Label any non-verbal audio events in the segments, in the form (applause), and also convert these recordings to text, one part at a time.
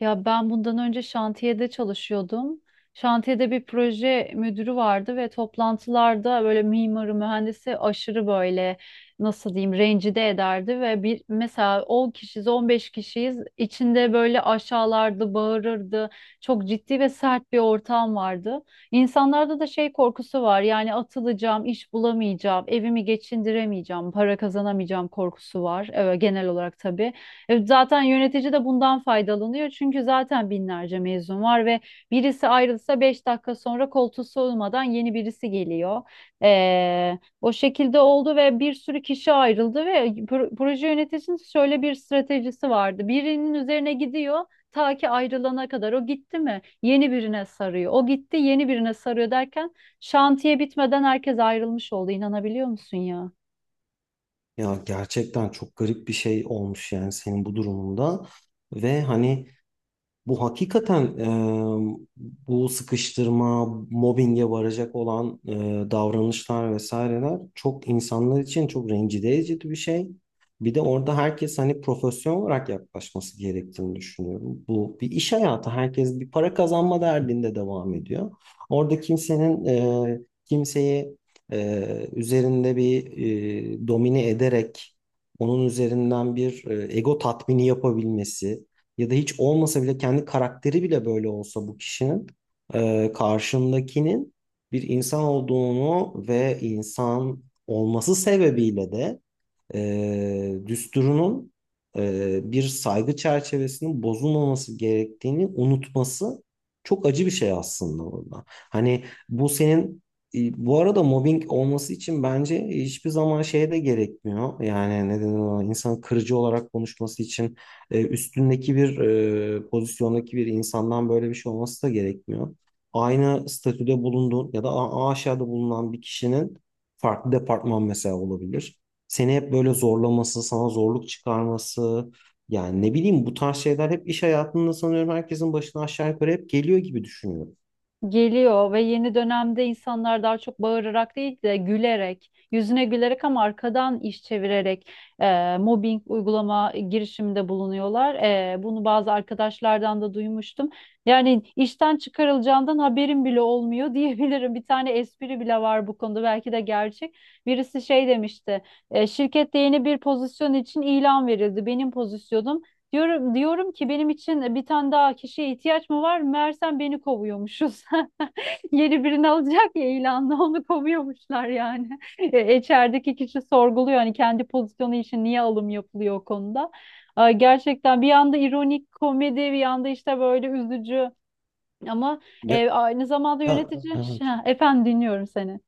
Ya ben bundan önce şantiyede çalışıyordum. Şantiyede bir proje müdürü vardı ve toplantılarda böyle mimarı, mühendisi aşırı böyle nasıl diyeyim rencide ederdi ve bir mesela 10 kişiyiz, 15 kişiyiz, içinde böyle aşağılardı, bağırırdı. Çok ciddi ve sert bir ortam vardı. İnsanlarda da şey korkusu var. Yani atılacağım, iş bulamayacağım, evimi geçindiremeyeceğim, para kazanamayacağım korkusu var. Evet, genel olarak tabii. Zaten yönetici de bundan faydalanıyor. Çünkü zaten binlerce mezun var ve birisi ayrılsa 5 dakika sonra koltuğu soğumadan yeni birisi geliyor. O şekilde oldu ve bir sürü kişi ayrıldı ve proje yöneticisinin şöyle bir stratejisi vardı. Birinin üzerine gidiyor ta ki ayrılana kadar. O gitti mi yeni birine sarıyor. O gitti yeni birine sarıyor derken şantiye bitmeden herkes ayrılmış oldu. İnanabiliyor musun ya? Ya gerçekten çok garip bir şey olmuş yani senin bu durumunda ve hani bu hakikaten bu sıkıştırma, mobbinge varacak olan davranışlar vesaireler çok insanlar için çok rencide edici bir şey. Bir de orada herkes hani profesyonel olarak yaklaşması gerektiğini düşünüyorum. Bu bir iş hayatı. Herkes bir para kazanma derdinde devam ediyor. Orada kimsenin kimseyi üzerinde bir domine ederek onun üzerinden bir ego tatmini yapabilmesi ya da hiç olmasa bile kendi karakteri bile böyle olsa bu kişinin karşındakinin bir insan olduğunu ve insan olması sebebiyle de düsturunun bir saygı çerçevesinin bozulmaması gerektiğini unutması çok acı bir şey aslında orada. Hani bu senin bu arada mobbing olması için bence hiçbir zaman şeye de gerekmiyor. Yani neden ona insan kırıcı olarak konuşması için üstündeki bir pozisyondaki bir insandan böyle bir şey olması da gerekmiyor. Aynı statüde bulunduğun ya da aşağıda bulunan bir kişinin farklı departman mesela olabilir seni hep böyle zorlaması, sana zorluk çıkarması, yani ne bileyim bu tarz şeyler hep iş hayatında sanıyorum herkesin başına aşağı yukarı hep geliyor gibi düşünüyorum. Geliyor ve yeni dönemde insanlar daha çok bağırarak değil de gülerek, yüzüne gülerek ama arkadan iş çevirerek mobbing uygulama girişiminde bulunuyorlar. Bunu bazı arkadaşlardan da duymuştum. Yani işten çıkarılacağından haberim bile olmuyor (laughs) diyebilirim. Bir tane espri bile var bu konuda. Belki de gerçek. Birisi şey demişti. Şirkette yeni bir pozisyon için ilan verildi. Benim pozisyonum. Diyorum, diyorum ki benim için bir tane daha kişiye ihtiyaç mı var? Meğersem beni kovuyormuşuz. (laughs) Yeni birini alacak ya ilanla onu kovuyormuşlar yani. (laughs) İçerideki kişi sorguluyor hani kendi pozisyonu için niye alım yapılıyor o konuda. Ay, gerçekten bir yanda ironik komedi bir yanda işte böyle üzücü ama Ya, aynı zamanda yönetici. (laughs) evet. Ha, efendim dinliyorum seni.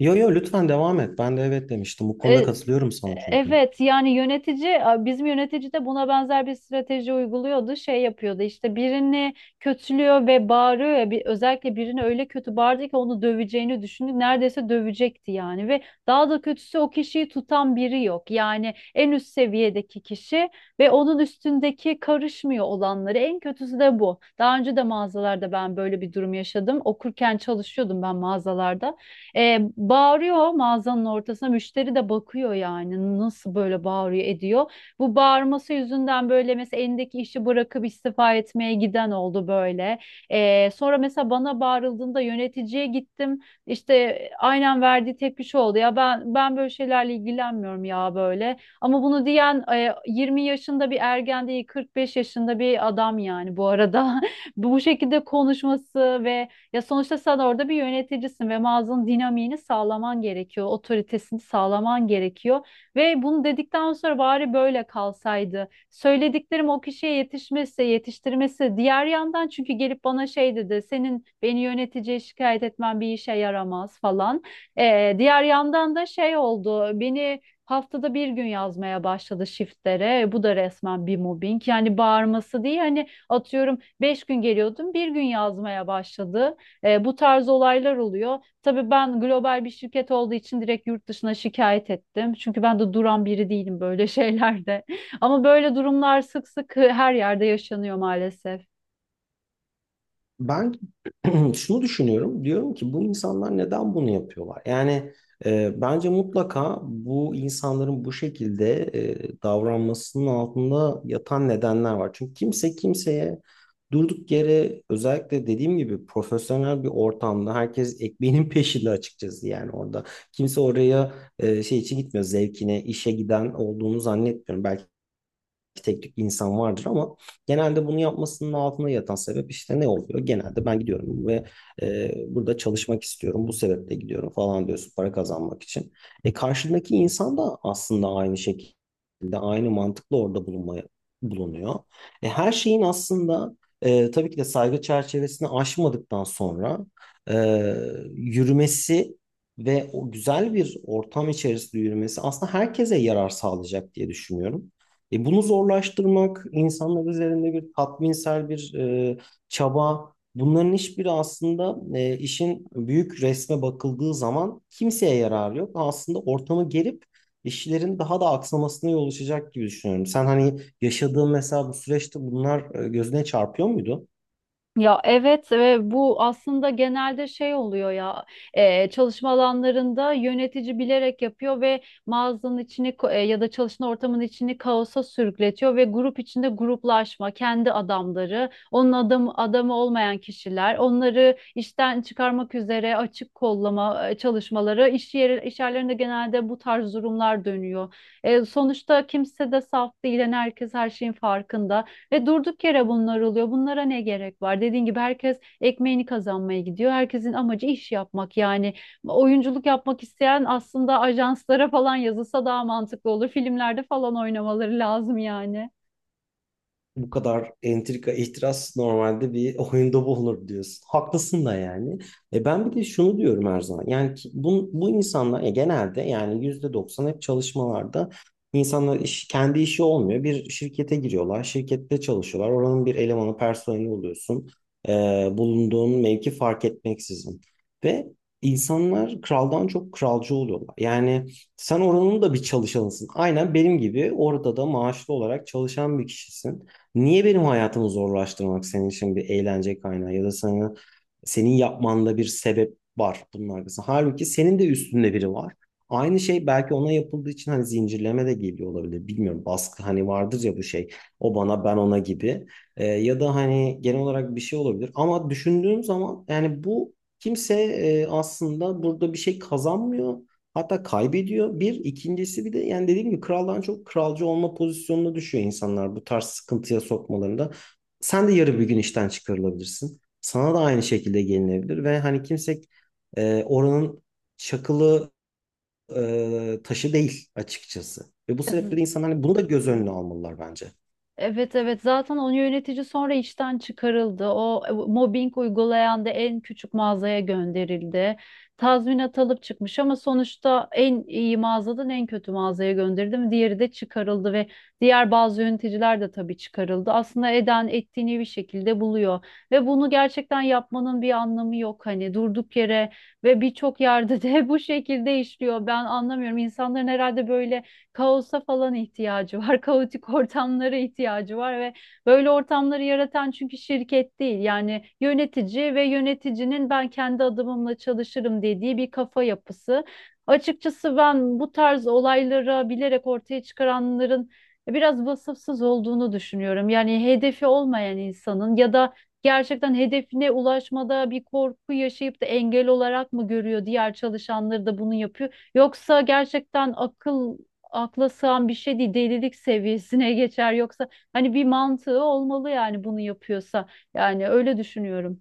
Yo yo lütfen devam et. Ben de evet demiştim. Bu konuda katılıyorum sana çünkü. Evet, yani yönetici, bizim yönetici de buna benzer bir strateji uyguluyordu. Şey yapıyordu işte birini kötülüyor ve bağırıyor ya bir, özellikle birini öyle kötü bağırdı ki onu döveceğini düşündü. Neredeyse dövecekti yani ve daha da kötüsü o kişiyi tutan biri yok. Yani en üst seviyedeki kişi ve onun üstündeki karışmıyor olanları. En kötüsü de bu. Daha önce de mağazalarda ben böyle bir durum yaşadım. Okurken çalışıyordum ben mağazalarda. Bağırıyor mağazanın ortasına. Müşteri de bakıyor yani nasıl böyle bağırıyor ediyor. Bu bağırması yüzünden böyle mesela elindeki işi bırakıp istifa etmeye giden oldu böyle. Sonra mesela bana bağırıldığında yöneticiye gittim. İşte aynen verdiği tepki şu oldu. Ya ben böyle şeylerle ilgilenmiyorum ya böyle. Ama bunu diyen 20 yaşında bir ergen değil 45 yaşında bir adam yani bu arada. (laughs) Bu şekilde konuşması ve ya sonuçta sen orada bir yöneticisin ve mağazanın dinamiğini sağlaman gerekiyor, otoritesini sağlaman gerekiyor ve bunu dedikten sonra bari böyle kalsaydı. Söylediklerim o kişiye yetişmezse yetiştirmesi. Diğer yandan çünkü gelip bana şey dedi, senin beni yöneticiye şikayet etmen bir işe yaramaz falan. Diğer yandan da şey oldu, beni haftada bir gün yazmaya başladı shiftlere. Bu da resmen bir mobbing. Yani bağırması değil hani atıyorum 5 gün geliyordum bir gün yazmaya başladı. Bu tarz olaylar oluyor. Tabii ben global bir şirket olduğu için direkt yurt dışına şikayet ettim. Çünkü ben de duran biri değilim böyle şeylerde. (laughs) Ama böyle durumlar sık sık her yerde yaşanıyor maalesef. Ben (clears throat) şunu düşünüyorum. Diyorum ki bu insanlar neden bunu yapıyorlar? Yani bence mutlaka bu insanların bu şekilde davranmasının altında yatan nedenler var. Çünkü kimse kimseye durduk yere özellikle dediğim gibi profesyonel bir ortamda herkes ekmeğinin (laughs) peşinde açıkçası yani orada. Kimse oraya şey için gitmiyor zevkine, işe giden olduğunu zannetmiyorum. Belki tek tük insan vardır ama genelde bunu yapmasının altında yatan sebep işte ne oluyor? Genelde ben gidiyorum ve burada çalışmak istiyorum. Bu sebeple gidiyorum falan diyorsun para kazanmak için. E karşındaki insan da aslında aynı şekilde aynı mantıkla orada bulunuyor. E, her şeyin aslında tabii ki de saygı çerçevesini aşmadıktan sonra e, yürümesi ve o güzel bir ortam içerisinde yürümesi aslında herkese yarar sağlayacak diye düşünüyorum. E, bunu zorlaştırmak, insanlar üzerinde bir tatminsel bir çaba, bunların hiçbiri aslında işin büyük resme bakıldığı zaman kimseye yarar yok. Aslında ortamı gerip işlerin daha da aksamasına yol açacak gibi düşünüyorum. Sen hani yaşadığın mesela bu süreçte bunlar gözüne çarpıyor muydu? Ya evet ve bu aslında genelde şey oluyor ya çalışma alanlarında yönetici bilerek yapıyor ve mağazanın içini ya da çalışma ortamının içini kaosa sürükletiyor ve grup içinde gruplaşma, kendi adamları, onun adamı, adamı olmayan kişiler, onları işten çıkarmak üzere açık kollama çalışmaları, iş yeri, iş yerlerinde genelde bu tarz durumlar dönüyor. Sonuçta kimse de saf değil, yani herkes her şeyin farkında. Ve durduk yere bunlar oluyor. Bunlara ne gerek var? Dediğin gibi herkes ekmeğini kazanmaya gidiyor. Herkesin amacı iş yapmak yani. Oyunculuk yapmak isteyen aslında ajanslara falan yazılsa daha mantıklı olur. Filmlerde falan oynamaları lazım yani. Bu kadar entrika, ihtiras normalde bir oyunda bulunur diyorsun. Haklısın da yani. E ben bir de şunu diyorum her zaman. Bu insanlar genelde yani %90 hep çalışmalarda insanlar iş, kendi işi olmuyor. Bir şirkete giriyorlar, şirkette çalışıyorlar. Oranın bir elemanı, personeli oluyorsun. E, bulunduğun mevki fark etmeksizin. Ve insanlar kraldan çok kralcı oluyorlar. Yani sen oranın da bir çalışanısın. Aynen benim gibi orada da maaşlı olarak çalışan bir kişisin. Niye benim hayatımı zorlaştırmak senin için bir eğlence kaynağı ya da senin yapmanda bir sebep var bunun arkasında. Halbuki senin de üstünde biri var. Aynı şey belki ona yapıldığı için hani zincirleme de geliyor olabilir. Bilmiyorum baskı hani vardır ya bu şey. O bana ben ona gibi. Ya da hani genel olarak bir şey olabilir. Ama düşündüğüm zaman yani bu kimse aslında burada bir şey kazanmıyor. Hatta kaybediyor. İkincisi bir de yani dediğim gibi kraldan çok kralcı olma pozisyonuna düşüyor insanlar bu tarz sıkıntıya sokmalarında. Sen de yarı bir gün işten çıkarılabilirsin. Sana da aynı şekilde gelinebilir ve hani kimse oranın çakılı taşı değil açıkçası. Ve bu sebeple de insanlar hani bunu da göz önüne almalılar bence. Evet, evet, zaten o yönetici sonra işten çıkarıldı. O mobbing uygulayan da en küçük mağazaya gönderildi. Tazminat alıp çıkmış ama sonuçta en iyi mağazadan en kötü mağazaya gönderildi mi? Diğeri de çıkarıldı ve diğer bazı yöneticiler de tabii çıkarıldı. Aslında eden ettiğini bir şekilde buluyor ve bunu gerçekten yapmanın bir anlamı yok hani durduk yere ve birçok yerde de (laughs) bu şekilde işliyor. Ben anlamıyorum. İnsanların herhalde böyle kaosa falan ihtiyacı var. (laughs) Kaotik ortamlara ihtiyacı var ve böyle ortamları yaratan çünkü şirket değil. Yani yönetici ve yöneticinin ben kendi adımımla çalışırım dediği bir kafa yapısı. Açıkçası ben bu tarz olayları bilerek ortaya çıkaranların biraz vasıfsız olduğunu düşünüyorum. Yani hedefi olmayan insanın ya da gerçekten hedefine ulaşmada bir korku yaşayıp da engel olarak mı görüyor diğer çalışanları da bunu yapıyor? Yoksa gerçekten akla sığan bir şey değil, delilik seviyesine (laughs) geçer yoksa hani bir mantığı olmalı yani bunu yapıyorsa, yani öyle düşünüyorum.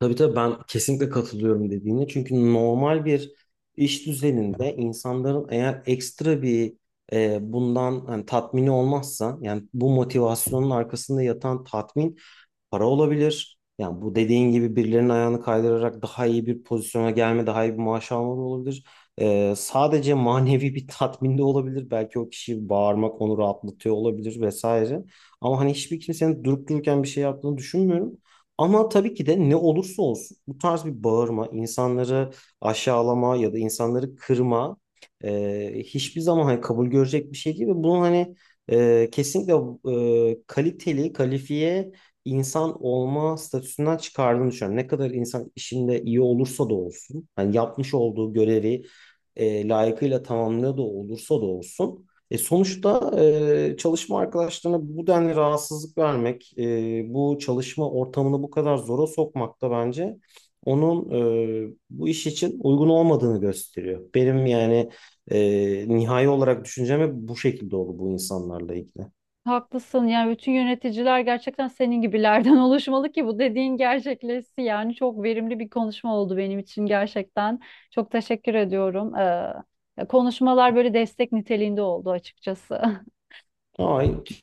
Tabii tabii ben kesinlikle katılıyorum dediğine. Çünkü normal bir iş düzeninde insanların eğer ekstra bir bundan hani tatmini olmazsa yani bu motivasyonun arkasında yatan tatmin para olabilir. Yani bu dediğin gibi birilerinin ayağını kaydırarak daha iyi bir pozisyona gelme, daha iyi bir maaş alma da olabilir. E, sadece manevi bir tatmin de olabilir. Belki o kişi bağırmak onu rahatlatıyor olabilir vesaire. Ama hani hiçbir kimsenin durup dururken bir şey yaptığını düşünmüyorum. Ama tabii ki de ne olursa olsun bu tarz bir bağırma, insanları aşağılama ya da insanları kırma hiçbir zaman hani kabul görecek bir şey değil ve bunun hani kesinlikle kaliteli, kalifiye insan olma statüsünden çıkardığını düşünüyorum. Ne kadar insan işinde iyi olursa da olsun, hani yapmış olduğu görevi layıkıyla tamamlıyor da olursa da olsun. E sonuçta çalışma arkadaşlarına bu denli rahatsızlık vermek, bu çalışma ortamını bu kadar zora sokmak da bence onun bu iş için uygun olmadığını gösteriyor. Benim yani nihai olarak düşüncem hep bu şekilde oldu bu insanlarla ilgili. Haklısın, yani bütün yöneticiler gerçekten senin gibilerden (laughs) oluşmalı ki bu dediğin gerçekleşsin, yani çok verimli bir konuşma oldu benim için gerçekten, çok teşekkür ediyorum. Konuşmalar böyle destek niteliğinde oldu açıkçası. Ay,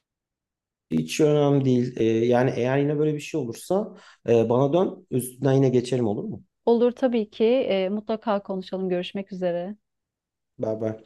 hiç önemli değil. E, yani eğer yine böyle bir şey olursa bana dön, üstünden yine geçelim olur mu? (laughs) Olur tabii ki. Mutlaka konuşalım, görüşmek üzere. Beraber.